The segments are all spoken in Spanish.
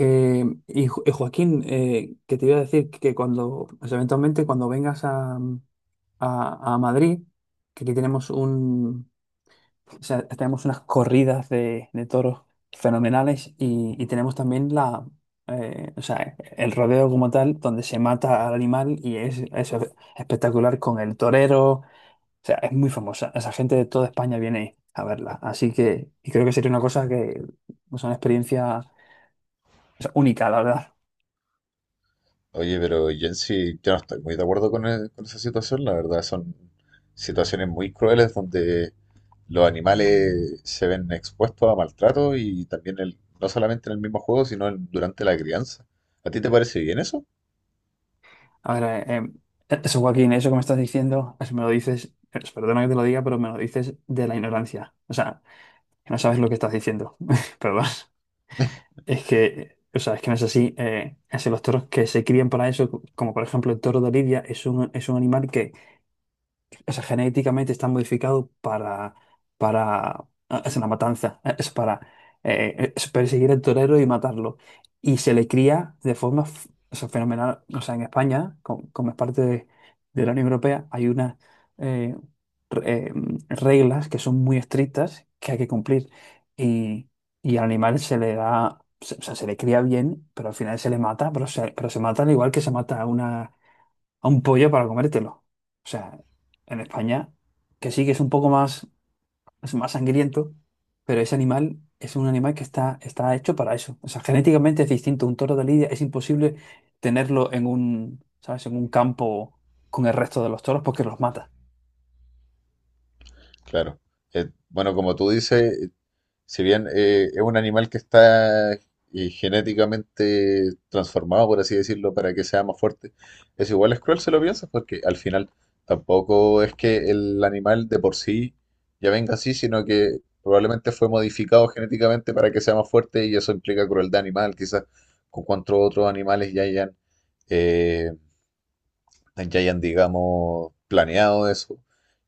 Y Joaquín, que te iba a decir que cuando, pues, eventualmente cuando vengas a, a Madrid, que aquí tenemos un, o sea, tenemos unas corridas de toros fenomenales y tenemos también la, o sea, el rodeo como tal, donde se mata al animal y es espectacular con el torero, o sea, es muy famosa, esa gente de toda España viene a verla, así que y creo que sería una cosa que, es una experiencia, o sea, única, la verdad. Oye, pero yo sí, yo no estoy muy de acuerdo con, con esa situación, la verdad. Son situaciones muy crueles donde los animales se ven expuestos a maltrato, y también el, no solamente en el mismo juego, sino durante la crianza. ¿A ti te parece bien eso? A ver, eso, Joaquín, eso que me estás diciendo, eso me lo dices, perdona que te lo diga, pero me lo dices de la ignorancia. O sea, que no sabes lo que estás diciendo. Perdón. Es que, o sea, es que no es así. Es que los toros que se crían para eso, como por ejemplo el toro de Lidia, es un animal que o sea, genéticamente está modificado no, es una matanza, es para es perseguir al torero y matarlo. Y se le cría de forma o sea, fenomenal. O sea, en España, como, es parte de la Unión Europea, hay unas eh, re- eh, reglas que son muy estrictas que hay que cumplir. Y, y al animal se le da, o sea, se le cría bien, pero al final se le mata, pero se mata al igual que se mata a una a un pollo para comértelo. O sea, en España, que sí que es un poco más, es más sangriento, pero ese animal es un animal que está hecho para eso. O sea, genéticamente es distinto. Un toro de lidia es imposible tenerlo en un, ¿sabes? En un campo con el resto de los toros porque los mata. Claro. Bueno, como tú dices, si bien es un animal que está genéticamente transformado, por así decirlo, para que sea más fuerte, es igual es cruel si lo piensas, porque al final tampoco es que el animal de por sí ya venga así, sino que probablemente fue modificado genéticamente para que sea más fuerte, y eso implica crueldad animal. Quizás con cuantos otros animales eh, ya hayan, digamos, planeado eso.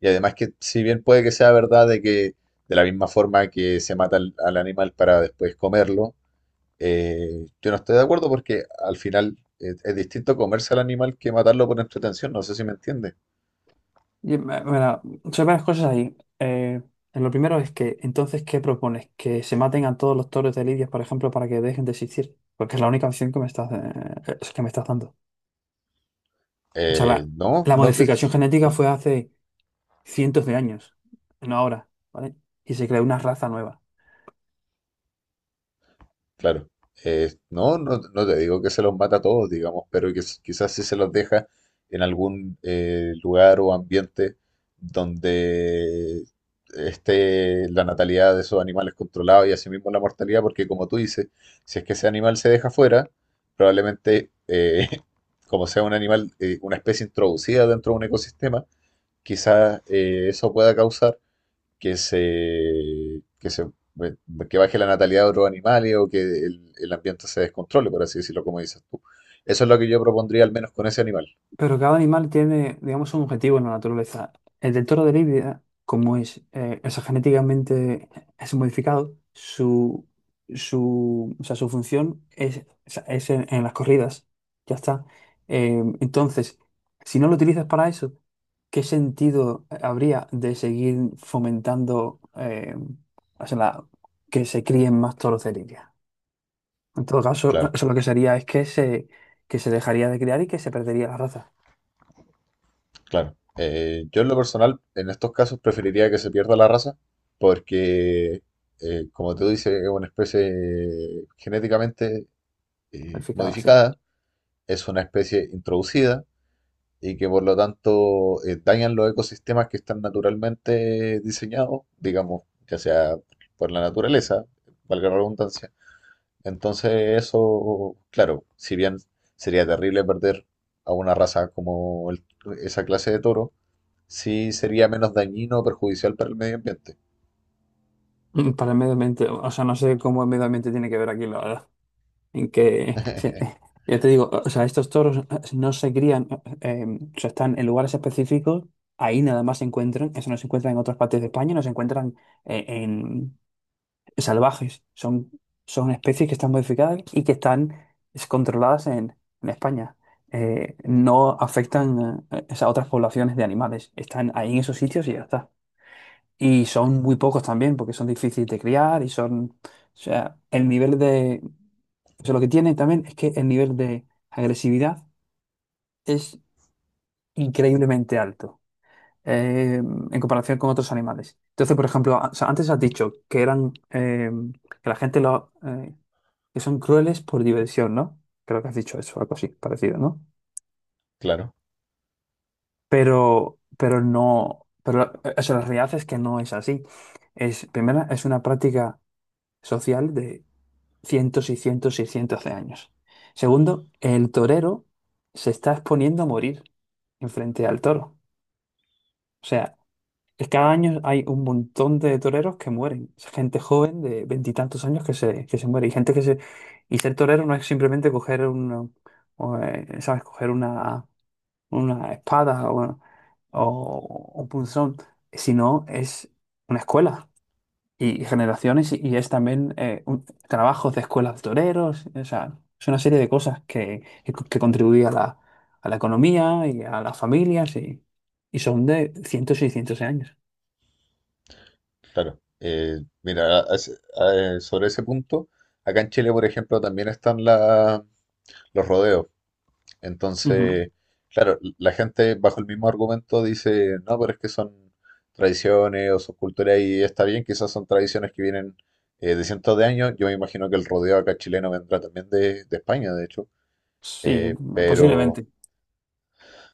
Y además que si bien puede que sea verdad de que de la misma forma que se mata al animal para después comerlo, yo no estoy de acuerdo, porque al final es distinto comerse al animal que matarlo por entretención, no sé si me entiende. Y, me- me da- Son varias cosas ahí. Lo primero es que, entonces, ¿qué propones? ¿Que se maten a todos los toros de lidia, por ejemplo, para que dejen de existir? Porque es la única opción que me estás dando. O sea, la, No, la no que... modificación genética fue hace cientos de años, no ahora, ¿vale? Y se creó una raza nueva. Claro. No, no, no te digo que se los mata a todos, digamos, pero que quizás sí se los deja en algún lugar o ambiente donde esté la natalidad de esos animales controlada y asimismo la mortalidad, porque como tú dices, si es que ese animal se deja fuera, probablemente, como sea un animal, una especie introducida dentro de un ecosistema, quizás eso pueda causar que se, que se, eh, que baje la natalidad de otros animales, o que el ambiente se descontrole, por así decirlo, como dices tú. Eso es lo que yo propondría, al menos con ese animal. Pero cada animal tiene, digamos, un objetivo en la naturaleza. El del toro de Lidia, como es, o sea, genéticamente es modificado, o sea, su función es, o sea, es en las corridas. Ya está. Entonces, si no lo utilizas para eso, ¿qué sentido habría de seguir fomentando o sea, que se críen más toros de Lidia? En todo caso, Claro, eso lo que sería es que que se dejaría de criar y que se perdería la raza. claro. Yo en lo personal, en estos casos, preferiría que se pierda la raza, porque, como te dice, es una especie genéticamente Planificado, sí. modificada, es una especie introducida, y que por lo tanto dañan los ecosistemas que están naturalmente diseñados, digamos, ya sea por la naturaleza, valga la redundancia. Entonces eso, claro, si bien sería terrible perder a una raza como esa clase de toro, sí sería menos dañino o perjudicial para el medio ambiente. Para el medio ambiente, o sea, no sé cómo el medio ambiente tiene que ver aquí, la verdad. En que, ya te digo, o sea, estos toros no se crían, o sea, están en lugares específicos, ahí nada más se encuentran, eso no se encuentra en otras partes de España, no se encuentran eh, en, salvajes, son, son especies que están modificadas y que están es, controladas en España. No afectan o sea, a otras poblaciones de animales, están ahí en esos sitios y ya está. Y son muy pocos también, porque son difíciles de criar y son, o sea, el nivel de, o sea, lo que tienen también es que el nivel de agresividad es increíblemente alto en comparación con otros animales. Entonces, por ejemplo, o sea, antes has dicho que eran, que la gente lo, que son crueles por diversión, ¿no? Creo que has dicho eso, algo así, parecido, ¿no? Claro, Pero o sea, la realidad es que no es así. Es, primero, es una práctica social cientos y cientos y cientos de años. Segundo, el torero se está exponiendo a morir enfrente al toro. O sea, es cada año hay un montón de toreros que mueren. Es gente joven de veintitantos años que se muere. Y gente que se. Y ser torero no es simplemente coger un, ¿sabes? Coger una espada o un punzón, sino es una escuela y generaciones y es también trabajos de escuelas de toreros, o sea, es una serie de cosas que contribuye a la economía y a las familias y son de cientos y cientos de años. claro. Mira, sobre ese punto, acá en Chile, por ejemplo, también están los rodeos. Ujú. Entonces, claro, la gente bajo el mismo argumento dice, no, pero es que son tradiciones o son culturas y está bien, quizás son tradiciones que vienen de cientos de años. Yo me imagino que el rodeo acá chileno vendrá también de España, de hecho, Sí, pero... posiblemente.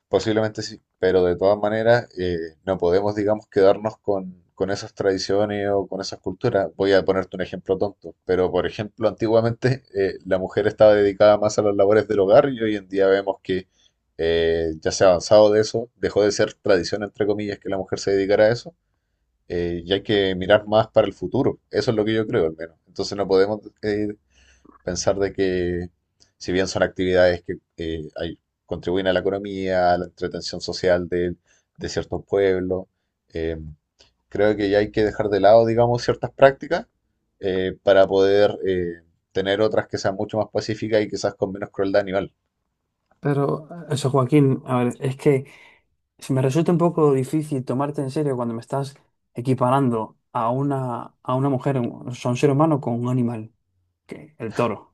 Posiblemente sí, pero de todas maneras no podemos, digamos, quedarnos con esas tradiciones o con esas culturas. Voy a ponerte un ejemplo tonto, pero por ejemplo, antiguamente la mujer estaba dedicada más a las labores del hogar, y hoy en día vemos que ya se ha avanzado de eso, dejó de ser tradición, entre comillas, que la mujer se dedicara a eso. Y hay que mirar más para el futuro. Eso es lo que yo creo, al menos. Entonces no podemos pensar de que, si bien son actividades que contribuyen a la economía, a la entretención social de ciertos pueblos, eh, creo que ya hay que dejar de lado, digamos, ciertas prácticas para poder tener otras que sean mucho más pacíficas y quizás con menos crueldad animal. Pero eso, Joaquín, a ver, es que se me resulta un poco difícil tomarte en serio cuando me estás equiparando a una mujer, o sea, un ser humano con un animal, que el toro.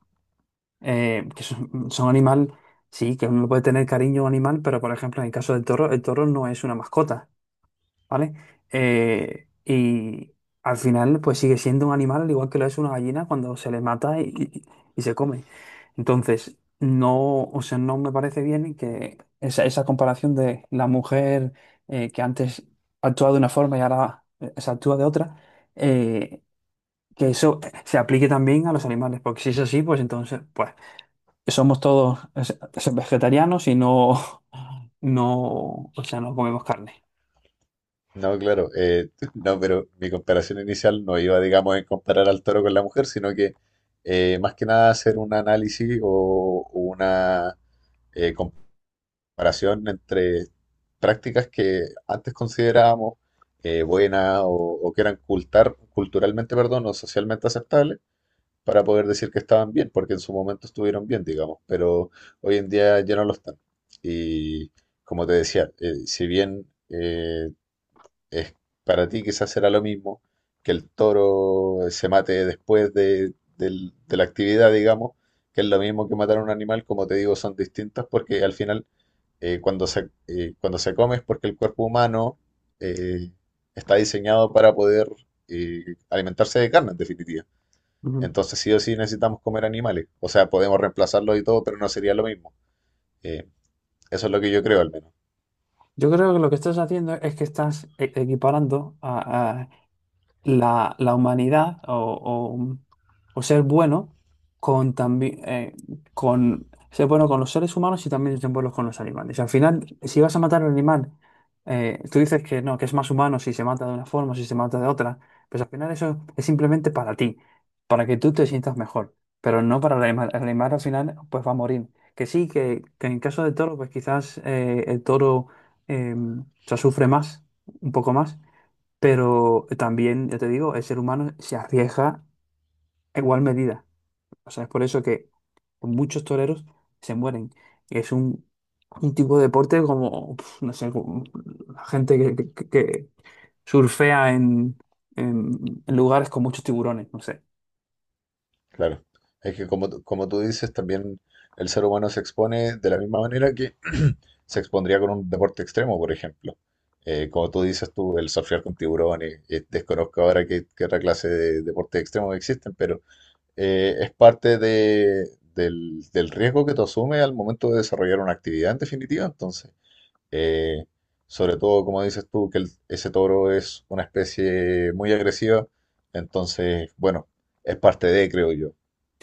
Son animal, sí, que uno puede tener cariño a un animal, pero por ejemplo, en el caso del toro, el toro no es una mascota, ¿vale? Y al final, pues sigue siendo un animal, al igual que lo es una gallina cuando se le mata y y se come. Entonces, no, o sea, no me parece bien que esa comparación de la mujer que antes actuaba de una forma y ahora se actúa de otra, eh, que eso se aplique también a los animales, porque si es así, pues entonces, pues somos todos vegetarianos no, o sea, no comemos carne. No, claro, no, pero mi comparación inicial no iba, digamos, en comparar al toro con la mujer, sino que más que nada hacer un análisis o una comparación entre prácticas que antes considerábamos buenas o que eran culturalmente, perdón, o socialmente aceptables, para poder decir que estaban bien, porque en su momento estuvieron bien, digamos, pero hoy en día ya no lo están. Y como te decía, si bien es para ti quizás será lo mismo que el toro se mate después de la actividad, digamos, que es lo mismo que matar a un animal, como te digo, son distintas, porque al final cuando se come es porque el cuerpo humano eh, está diseñado para poder eh, alimentarse de carne, en definitiva. Ujú. Entonces sí o sí necesitamos comer animales. O sea, podemos reemplazarlos y todo, pero no sería lo mismo. Eh, Eso es lo que yo creo, al menos. Yo creo que lo que estás haciendo es que estás equiparando la, la humanidad o- o ser bueno con también con ser bueno con los seres humanos y también ser bueno con los animales. Al final, si vas a matar al animal, tú dices que no, que es más humano si se mata de una forma, si se mata de otra, pues al final eso es simplemente para ti, para que tú te sientas mejor, pero no para el animal. El animal al final pues va a morir. Que sí, que en caso del toro, pues quizás el toro eh, se sufre más, un poco más, pero también, yo te digo, el ser humano se arriesga a igual medida. O sea, es por eso que muchos toreros se mueren. Es un tipo de deporte como, pf, no sé, como la gente que surfea en, en lugares con muchos tiburones, no sé. Claro. Es que como, como tú dices, también el ser humano se expone de la misma manera que se expondría con un deporte extremo, por ejemplo. Como tú dices tú, el surfear con tiburones. Desconozco ahora qué, qué otra clase de deportes extremos existen, pero es parte de, del, del riesgo que tú asumes al momento de desarrollar una actividad, en definitiva. Entonces, eh, sobre todo, como dices tú, que ese toro es una especie muy agresiva, entonces, bueno, es parte de, creo yo.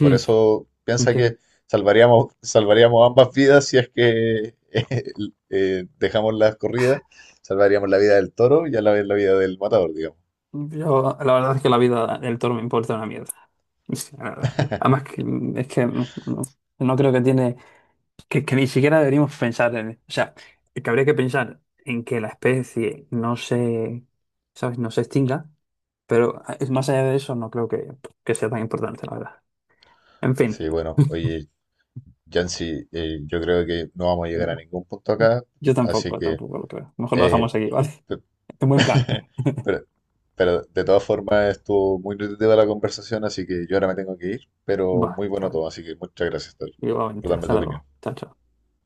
Por eso piensa que ¿Entiendes? salvaríamos, salvaríamos ambas vidas si es que dejamos las corridas, salvaríamos la vida del toro y a la vez la vida del matador, digamos. Yo, la verdad es que la vida del toro me importa una mierda. Sí, la verdad. Además, que, es que no creo que tiene. Que ni siquiera deberíamos pensar en... O sea, que habría que pensar en que la especie no se, ¿sabes? No se extinga, pero ah, es más allá de eso no creo que sea tan importante, la verdad. En fin, Sí, bueno, oye, Yancy, yo creo que no vamos a llegar a venga, ningún punto acá, yo así tampoco, que, tampoco lo creo. Mejor lo eh, dejamos aquí, ¿vale? En buen plan. pero, pero de todas formas estuvo muy nutritiva la conversación, así que yo ahora me tengo que ir, pero Va, muy bueno ¿sabes? todo, así que muchas gracias, Tori, por Igualmente, darme hasta tu opinión. luego. Chao, chao.